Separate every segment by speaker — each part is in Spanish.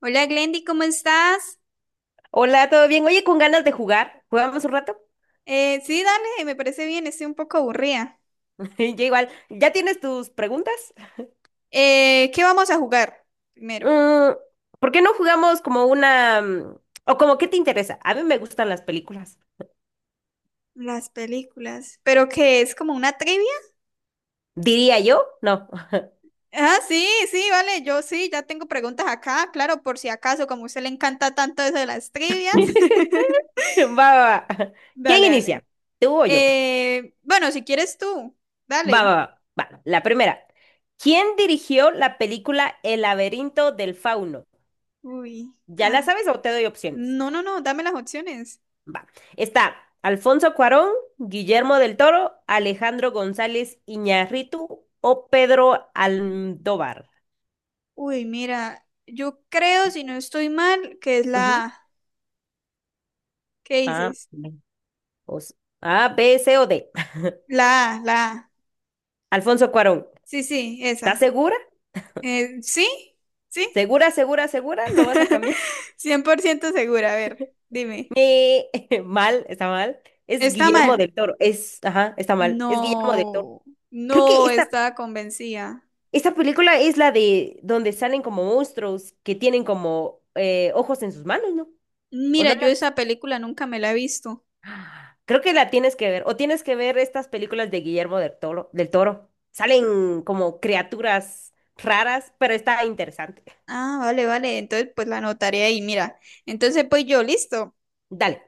Speaker 1: Hola Glendy, ¿cómo estás?
Speaker 2: Hola, ¿todo bien? Oye, con ganas de jugar. ¿Jugamos un rato?
Speaker 1: Sí, dale, me parece bien, estoy un poco aburrida.
Speaker 2: Ya igual. ¿Ya tienes tus preguntas?
Speaker 1: ¿Qué vamos a jugar primero?
Speaker 2: Mm, ¿Por qué no jugamos como una... o como qué te interesa? A mí me gustan las películas.
Speaker 1: Las películas. ¿Pero qué es como una trivia?
Speaker 2: ¿Diría yo? No.
Speaker 1: Ah, sí, sí, vale, yo sí, ya tengo preguntas acá, claro, por si acaso, como a usted le encanta tanto eso de las trivias.
Speaker 2: Va, va, va. ¿Quién
Speaker 1: Dale,
Speaker 2: inicia?
Speaker 1: dale.
Speaker 2: ¿Tú o yo?
Speaker 1: Bueno, si quieres tú,
Speaker 2: Va, va,
Speaker 1: dale.
Speaker 2: va. Va, la primera. ¿Quién dirigió la película El laberinto del fauno?
Speaker 1: Uy,
Speaker 2: ¿Ya
Speaker 1: ah,
Speaker 2: la sabes o te doy opciones?
Speaker 1: no, no, no, dame las opciones.
Speaker 2: Va. Está Alfonso Cuarón, Guillermo del Toro, Alejandro González Iñárritu o Pedro Almodóvar.
Speaker 1: Uy, mira, yo creo, si no estoy mal, que es la
Speaker 2: Ujú.
Speaker 1: A. ¿Qué
Speaker 2: A,
Speaker 1: dices?
Speaker 2: B, o C- A, B, C o D.
Speaker 1: La A.
Speaker 2: Alfonso Cuarón,
Speaker 1: Sí, sí,
Speaker 2: ¿estás
Speaker 1: esa.
Speaker 2: segura?
Speaker 1: ¿Sí? ¿Sí?
Speaker 2: ¿Segura, segura, segura? ¿No vas a cambiar?
Speaker 1: 100% segura. A ver, dime.
Speaker 2: Eh, mal, está mal. Es
Speaker 1: ¿Está mal?
Speaker 2: Guillermo del Toro. Es, ajá, está mal. Es Guillermo del Toro.
Speaker 1: No,
Speaker 2: Creo que
Speaker 1: no estaba convencida.
Speaker 2: esta película es la de donde salen como monstruos que tienen como ojos en sus manos, ¿no? ¿O no?
Speaker 1: Mira, yo
Speaker 2: las
Speaker 1: esa película nunca me la he visto.
Speaker 2: Creo que la tienes que ver. O tienes que ver estas películas de Guillermo del Toro, del Toro. Salen como criaturas raras, pero está interesante.
Speaker 1: Ah, vale, vale. Entonces, pues la anotaré ahí, mira. Entonces, pues yo, listo.
Speaker 2: Dale.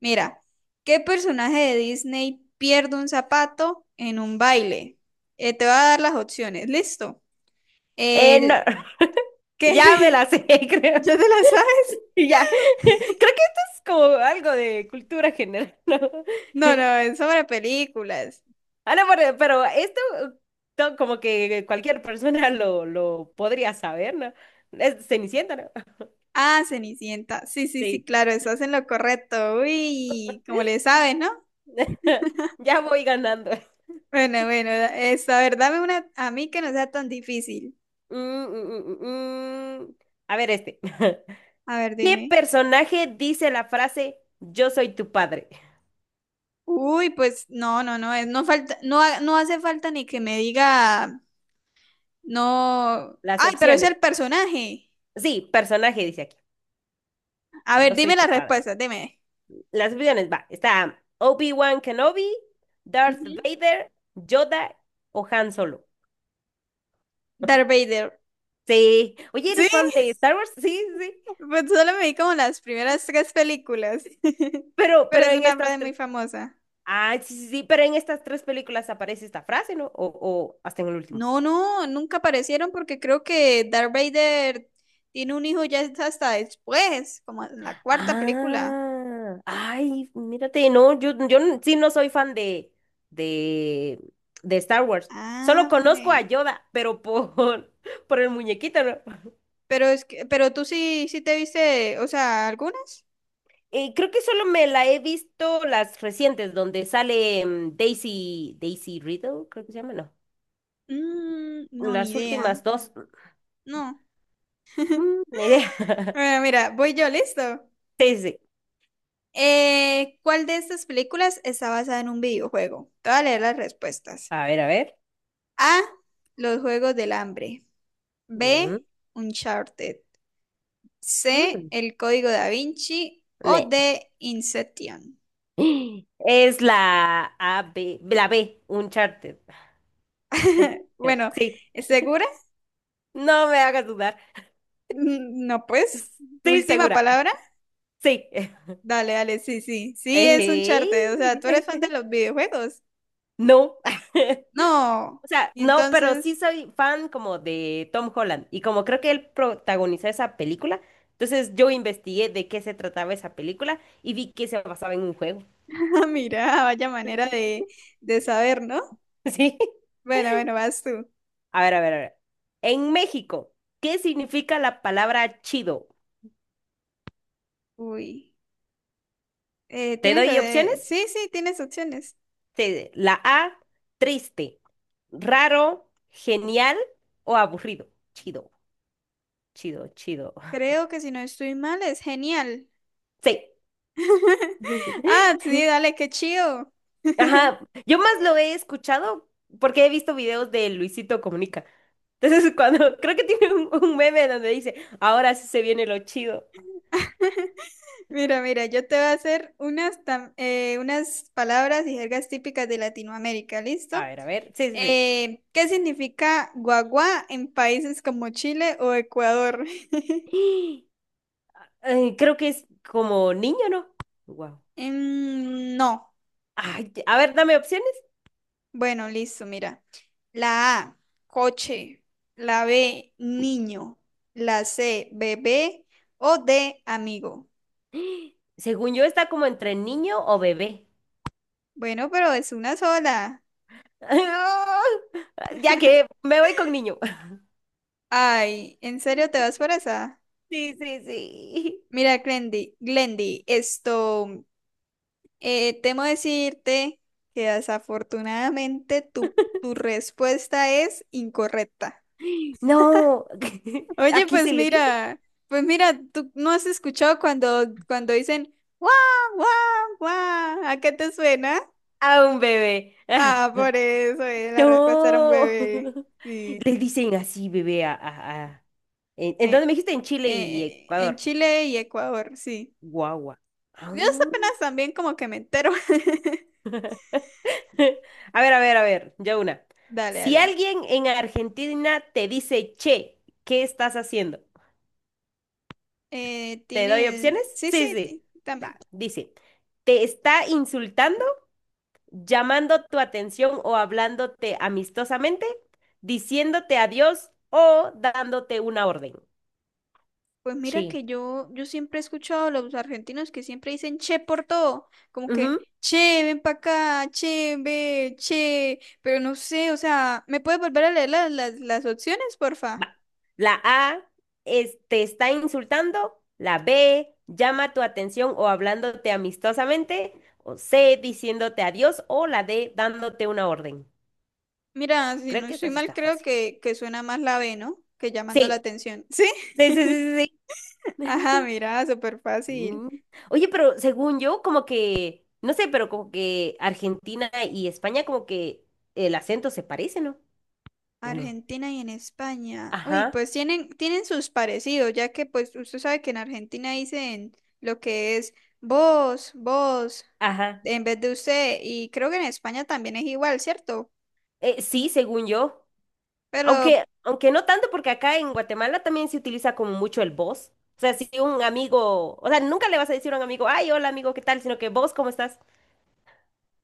Speaker 1: Mira, ¿qué personaje de Disney pierde un zapato en un baile? Te voy a dar las opciones, listo.
Speaker 2: No,
Speaker 1: El
Speaker 2: ya me la
Speaker 1: que
Speaker 2: sé, creo.
Speaker 1: ya te las
Speaker 2: Ya. Creo que esto es como algo de cultura general, ¿no?
Speaker 1: No, no, es sobre películas.
Speaker 2: Ah, no, pero esto como que cualquier persona lo podría saber, ¿no? Es Cenicienta, ¿no?
Speaker 1: Ah, Cenicienta. Sí, sí, sí,
Speaker 2: Sí.
Speaker 1: claro, estás en lo correcto. Uy, como le sabes, ¿no?
Speaker 2: Ya voy ganando.
Speaker 1: Bueno, bueno, es, a ver, dame una a mí que no sea tan difícil.
Speaker 2: Mm, mm, mm, mm, mm. A ver este.
Speaker 1: A ver,
Speaker 2: ¿Qué
Speaker 1: dime.
Speaker 2: personaje dice la frase yo soy tu padre?
Speaker 1: Uy, pues no, no, no, es, no falta, no, no hace falta ni que me diga, no.
Speaker 2: Las
Speaker 1: Ay, pero es el
Speaker 2: opciones.
Speaker 1: personaje.
Speaker 2: Sí, personaje dice aquí.
Speaker 1: A ver,
Speaker 2: Yo soy
Speaker 1: dime
Speaker 2: tu
Speaker 1: las
Speaker 2: padre.
Speaker 1: respuestas, dime.
Speaker 2: Las opciones, va. Está Obi-Wan Kenobi, Darth
Speaker 1: Ujú.
Speaker 2: Vader, Yoda o Han Solo.
Speaker 1: Darth Vader.
Speaker 2: Sí. Oye,
Speaker 1: Sí,
Speaker 2: ¿eres fan de Star Wars? Sí, sí.
Speaker 1: pues solo me vi como las primeras tres películas. Pero
Speaker 2: Pero
Speaker 1: es
Speaker 2: en
Speaker 1: una
Speaker 2: estas
Speaker 1: frase muy
Speaker 2: tres.
Speaker 1: famosa.
Speaker 2: Ah, sí, sí, sí. Pero en estas tres películas aparece esta frase, ¿no? O hasta en el último.
Speaker 1: No, no, nunca aparecieron porque creo que Darth Vader tiene un hijo ya es hasta después, como en la cuarta película.
Speaker 2: Ah, ay, mírate, no, yo, sí no soy fan de, de Star Wars.
Speaker 1: Ah,
Speaker 2: Solo conozco a
Speaker 1: vale.
Speaker 2: Yoda, pero por, por el muñequito, ¿no?
Speaker 1: Pero es que, pero tú sí, sí te viste, o sea, algunas.
Speaker 2: Creo que solo me la he visto las recientes, donde sale Daisy, Daisy Riddle, creo que se llama, ¿no?
Speaker 1: No, ni
Speaker 2: Las
Speaker 1: idea.
Speaker 2: últimas dos,
Speaker 1: No.
Speaker 2: ni idea.
Speaker 1: Bueno, mira, voy yo, listo.
Speaker 2: Sí, sí.
Speaker 1: ¿Cuál de estas películas está basada en un videojuego? Te voy a leer las respuestas.
Speaker 2: A ver, a ver.
Speaker 1: A. Los Juegos del Hambre.
Speaker 2: Mm,
Speaker 1: B. Uncharted. C,
Speaker 2: mm,
Speaker 1: El Código Da Vinci o
Speaker 2: ne.
Speaker 1: de Inception.
Speaker 2: Es la A, la B, Uncharted.
Speaker 1: Bueno,
Speaker 2: Sí.
Speaker 1: ¿segura?
Speaker 2: No me hagas dudar.
Speaker 1: No, pues, ¿tu
Speaker 2: Sí,
Speaker 1: última
Speaker 2: segura.
Speaker 1: palabra?
Speaker 2: Sí.
Speaker 1: Dale, dale, sí, sí, sí, es un
Speaker 2: Ey.
Speaker 1: charte. O sea, tú eres fan de los videojuegos.
Speaker 2: No.
Speaker 1: No.
Speaker 2: O sea,
Speaker 1: Y
Speaker 2: no, pero
Speaker 1: entonces,
Speaker 2: sí soy fan como de Tom Holland y como creo que él protagonizó esa película, entonces yo investigué de qué se trataba esa película y vi que se basaba en un juego.
Speaker 1: mira, vaya manera de saber, ¿no?
Speaker 2: Sí.
Speaker 1: Bueno, bueno, vas tú.
Speaker 2: A ver, a ver, a ver. En México, ¿qué significa la palabra chido?
Speaker 1: Uy,
Speaker 2: ¿Te
Speaker 1: tienes,
Speaker 2: doy opciones?
Speaker 1: sí, sí, tienes opciones.
Speaker 2: La A, triste, raro, genial o aburrido. Chido. Chido.
Speaker 1: Creo que si no estoy mal, es genial.
Speaker 2: Sí.
Speaker 1: Ah, sí, dale, qué chido.
Speaker 2: Ajá. Yo más lo he escuchado porque he visto videos de Luisito Comunica. Entonces, cuando creo que tiene un meme donde dice, ahora sí se viene lo chido.
Speaker 1: Mira, mira, yo te voy a hacer unas palabras y jergas típicas de Latinoamérica,
Speaker 2: A
Speaker 1: ¿listo?
Speaker 2: ver, a ver. Sí, sí,
Speaker 1: ¿Qué significa guagua en países como Chile o Ecuador?
Speaker 2: sí. Ay, creo que es como niño, ¿no? Wow.
Speaker 1: No.
Speaker 2: Ay, a ver, dame opciones.
Speaker 1: Bueno, listo, mira. La A, coche. La B, niño. La C, bebé. O D, amigo.
Speaker 2: Según yo, está como entre niño o bebé.
Speaker 1: Bueno, pero es una sola.
Speaker 2: Ya que me voy con niño.
Speaker 1: Ay, ¿en serio te vas por esa?
Speaker 2: Sí, sí, sí.
Speaker 1: Mira, Glendy, Glendy, esto. Temo decirte que desafortunadamente tu respuesta es incorrecta.
Speaker 2: No,
Speaker 1: Oye,
Speaker 2: aquí se
Speaker 1: pues
Speaker 2: le dice
Speaker 1: mira, pues mira, tú no has escuchado cuando dicen guau, guau, guau, ¿a qué te suena?
Speaker 2: a un bebé.
Speaker 1: Ah, por eso, la respuesta era un
Speaker 2: No,
Speaker 1: bebé. Sí.
Speaker 2: le dicen así bebé a- en dónde
Speaker 1: Eh,
Speaker 2: me dijiste? En Chile y
Speaker 1: en
Speaker 2: Ecuador.
Speaker 1: Chile y Ecuador, sí.
Speaker 2: Guagua.
Speaker 1: Yo
Speaker 2: Ah.
Speaker 1: apenas también como que me entero.
Speaker 2: A ver, a ver, a ver, ya una.
Speaker 1: Dale,
Speaker 2: Si
Speaker 1: dale.
Speaker 2: alguien en Argentina te dice, che, ¿qué estás haciendo? ¿Te doy
Speaker 1: Tienes.
Speaker 2: opciones?
Speaker 1: Sí,
Speaker 2: Sí,
Speaker 1: sí,
Speaker 2: sí.
Speaker 1: también.
Speaker 2: Va, dice, te está insultando. Llamando tu atención o hablándote amistosamente, diciéndote adiós o dándote una orden.
Speaker 1: Pues mira
Speaker 2: Sí.
Speaker 1: que yo siempre he escuchado a los argentinos que siempre dicen che por todo, como que
Speaker 2: Ujú,
Speaker 1: che, ven para acá, che, ve, che, pero no sé, o sea, ¿me puedes volver a leer las opciones, porfa?
Speaker 2: va. La A es, te está insultando. La B llama tu atención o hablándote amistosamente. O C diciéndote adiós. O la D dándote una orden.
Speaker 1: Mira, si no
Speaker 2: Creo que
Speaker 1: estoy
Speaker 2: esta sí
Speaker 1: mal,
Speaker 2: está
Speaker 1: creo
Speaker 2: fácil.
Speaker 1: que suena más la B, ¿no? Que llamando la
Speaker 2: Sí,
Speaker 1: atención. ¿Sí?
Speaker 2: sí, sí, sí, sí.
Speaker 1: Ajá, mira, súper fácil.
Speaker 2: Mm. Oye, pero según yo, como que, no sé, pero como que Argentina y España como que el acento se parece, ¿no? ¿O no?
Speaker 1: Argentina y en España. Uy,
Speaker 2: Ajá,
Speaker 1: pues tienen sus parecidos, ya que pues usted sabe que en Argentina dicen lo que es vos
Speaker 2: ajá.
Speaker 1: en vez de usted, y creo que en España también es igual, ¿cierto?
Speaker 2: Sí, según yo.
Speaker 1: Pero,
Speaker 2: Aunque, aunque no tanto, porque acá en Guatemala también se utiliza como mucho el vos. O sea, si un amigo, o sea, nunca le vas a decir a un amigo, ay, hola amigo, ¿qué tal? Sino que vos, ¿cómo estás?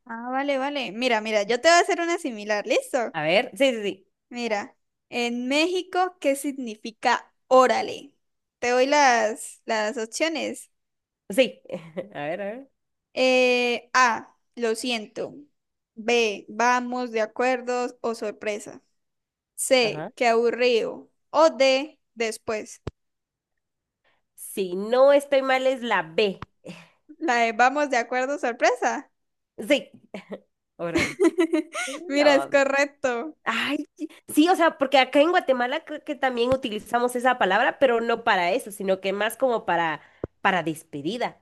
Speaker 1: ah, vale, vale. Mira, mira, yo te voy a hacer una similar, ¿listo?
Speaker 2: A ver, sí, sí, sí.
Speaker 1: Mira, en México, ¿qué significa órale? Te doy las opciones.
Speaker 2: Sí. A ver, a ver.
Speaker 1: A, lo siento. B, vamos, de acuerdo o sorpresa. C,
Speaker 2: Ajá.
Speaker 1: qué aburrido. O D, después.
Speaker 2: Si no estoy mal, es la B.
Speaker 1: La de vamos, de acuerdo, sorpresa.
Speaker 2: Sí. Órale.
Speaker 1: Mira,
Speaker 2: No,
Speaker 1: es
Speaker 2: hombre.
Speaker 1: correcto.
Speaker 2: Ay, sí, o sea, porque acá en Guatemala creo que también utilizamos esa palabra, pero no para eso, sino que más como para despedida.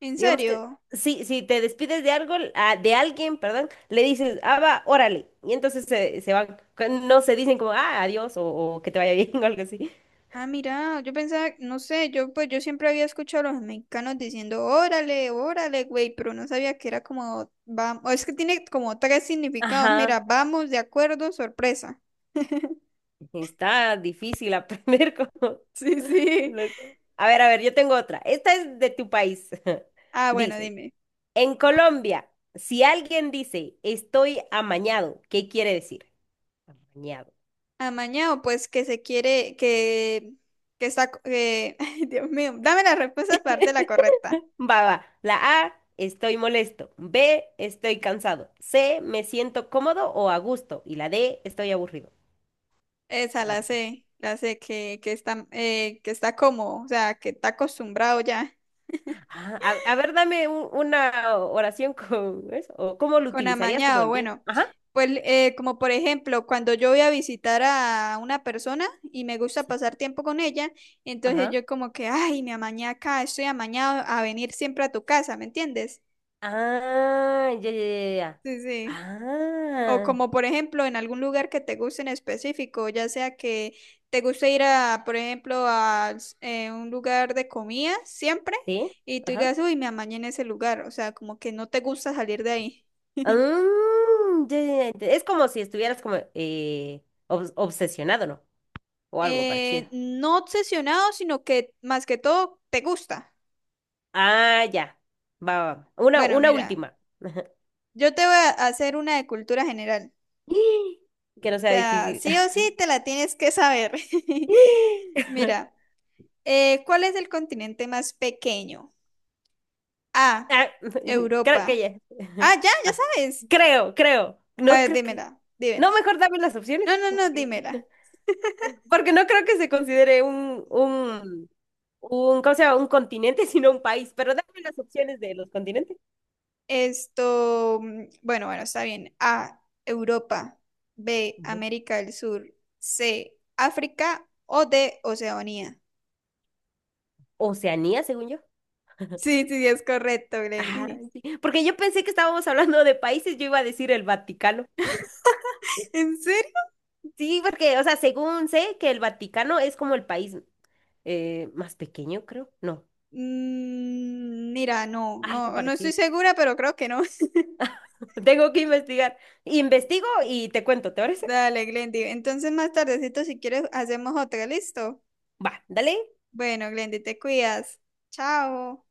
Speaker 1: ¿En
Speaker 2: Digamos que
Speaker 1: serio?
Speaker 2: sí, si te despides de algo, ah, de alguien, perdón, le dices, ah, va, órale. Y entonces se van, no se dicen como, ah, adiós, o que te vaya bien, o algo así.
Speaker 1: Ah, mira, yo pensaba, no sé, yo pues yo siempre había escuchado a los mexicanos diciendo, órale, órale, güey, pero no sabía que era como, vamos, es que tiene como tres significados, mira,
Speaker 2: Ajá,
Speaker 1: vamos, de acuerdo, sorpresa.
Speaker 2: está difícil aprender como...
Speaker 1: Sí, sí.
Speaker 2: no sé. A ver, yo tengo otra. Esta es de tu país.
Speaker 1: Ah, bueno,
Speaker 2: Dice.
Speaker 1: dime.
Speaker 2: En Colombia, si alguien dice estoy amañado, ¿qué quiere decir? Amañado.
Speaker 1: Amañado, pues que se quiere, que está, ay, Dios mío, dame la respuesta aparte la correcta.
Speaker 2: Va, va. La A, estoy molesto. B, estoy cansado. C, me siento cómodo o a gusto. Y la D, estoy aburrido.
Speaker 1: Esa
Speaker 2: Ah,
Speaker 1: la sé, que está, que está como, o sea, que está acostumbrado ya.
Speaker 2: ah, A, a ver, dame una oración con eso. ¿O cómo lo
Speaker 1: Con
Speaker 2: utilizarías como
Speaker 1: amañado,
Speaker 2: el día?
Speaker 1: bueno,
Speaker 2: Ajá.
Speaker 1: pues como por ejemplo, cuando yo voy a visitar a una persona y me gusta
Speaker 2: Sí.
Speaker 1: pasar tiempo con ella, entonces
Speaker 2: Ajá.
Speaker 1: yo como que, ay, me amañé acá, estoy amañado a venir siempre a tu casa, ¿me entiendes?
Speaker 2: Ah, ya, ya, ya. Ya.
Speaker 1: Sí, sí. O
Speaker 2: Ah,
Speaker 1: como por ejemplo, en algún lugar que te guste en específico, ya sea que te guste ir a, por ejemplo, a un lugar de comida siempre
Speaker 2: sí.
Speaker 1: y tú
Speaker 2: Ajá.
Speaker 1: digas, uy, me amañé en ese lugar, o sea, como que no te gusta salir de ahí.
Speaker 2: Ya, ya, ya, es como si estuvieras como obsesionado, ¿no? O algo parecido.
Speaker 1: No obsesionado, sino que más que todo te gusta.
Speaker 2: Ah, ya. Va, va, va.
Speaker 1: Bueno,
Speaker 2: Una
Speaker 1: mira,
Speaker 2: última.
Speaker 1: yo te voy a hacer una de cultura general.
Speaker 2: Que no sea
Speaker 1: O sea,
Speaker 2: difícil.
Speaker 1: sí o sí te la tienes que saber. Mira, ¿cuál es el continente más pequeño? A,
Speaker 2: Ah, creo que
Speaker 1: Europa.
Speaker 2: ya.
Speaker 1: Ah, ya, ya
Speaker 2: Ah,
Speaker 1: sabes.
Speaker 2: creo, creo.
Speaker 1: A
Speaker 2: No
Speaker 1: ver,
Speaker 2: creo que.
Speaker 1: dímela, dímela.
Speaker 2: No, mejor dame las
Speaker 1: No,
Speaker 2: opciones.
Speaker 1: no, no,
Speaker 2: Porque,
Speaker 1: dímela.
Speaker 2: porque no creo que se considere un, ¿cómo se llama? Un continente, sino un país. Pero dame las opciones de los continentes.
Speaker 1: Esto, bueno, bueno, está bien. A, Europa. B,
Speaker 2: Ujú.
Speaker 1: América del Sur. C, África o D, Oceanía.
Speaker 2: Oceanía, según yo.
Speaker 1: Sí, sí, sí, es correcto,
Speaker 2: Ah,
Speaker 1: Glendy.
Speaker 2: sí, porque yo pensé que estábamos hablando de países, yo iba a decir el Vaticano.
Speaker 1: ¿En serio?
Speaker 2: Sí, porque, o sea, según sé que el Vaticano es como el país más pequeño, creo. No,
Speaker 1: Mira, no,
Speaker 2: algo
Speaker 1: no, no estoy
Speaker 2: parecido.
Speaker 1: segura, pero creo que no.
Speaker 2: Tengo que investigar. Investigo y te cuento, ¿te parece?
Speaker 1: Dale, Glendy. Entonces más tardecito, si quieres, hacemos otra, ¿listo?
Speaker 2: Va, dale.
Speaker 1: Bueno, Glendy, te cuidas. Chao.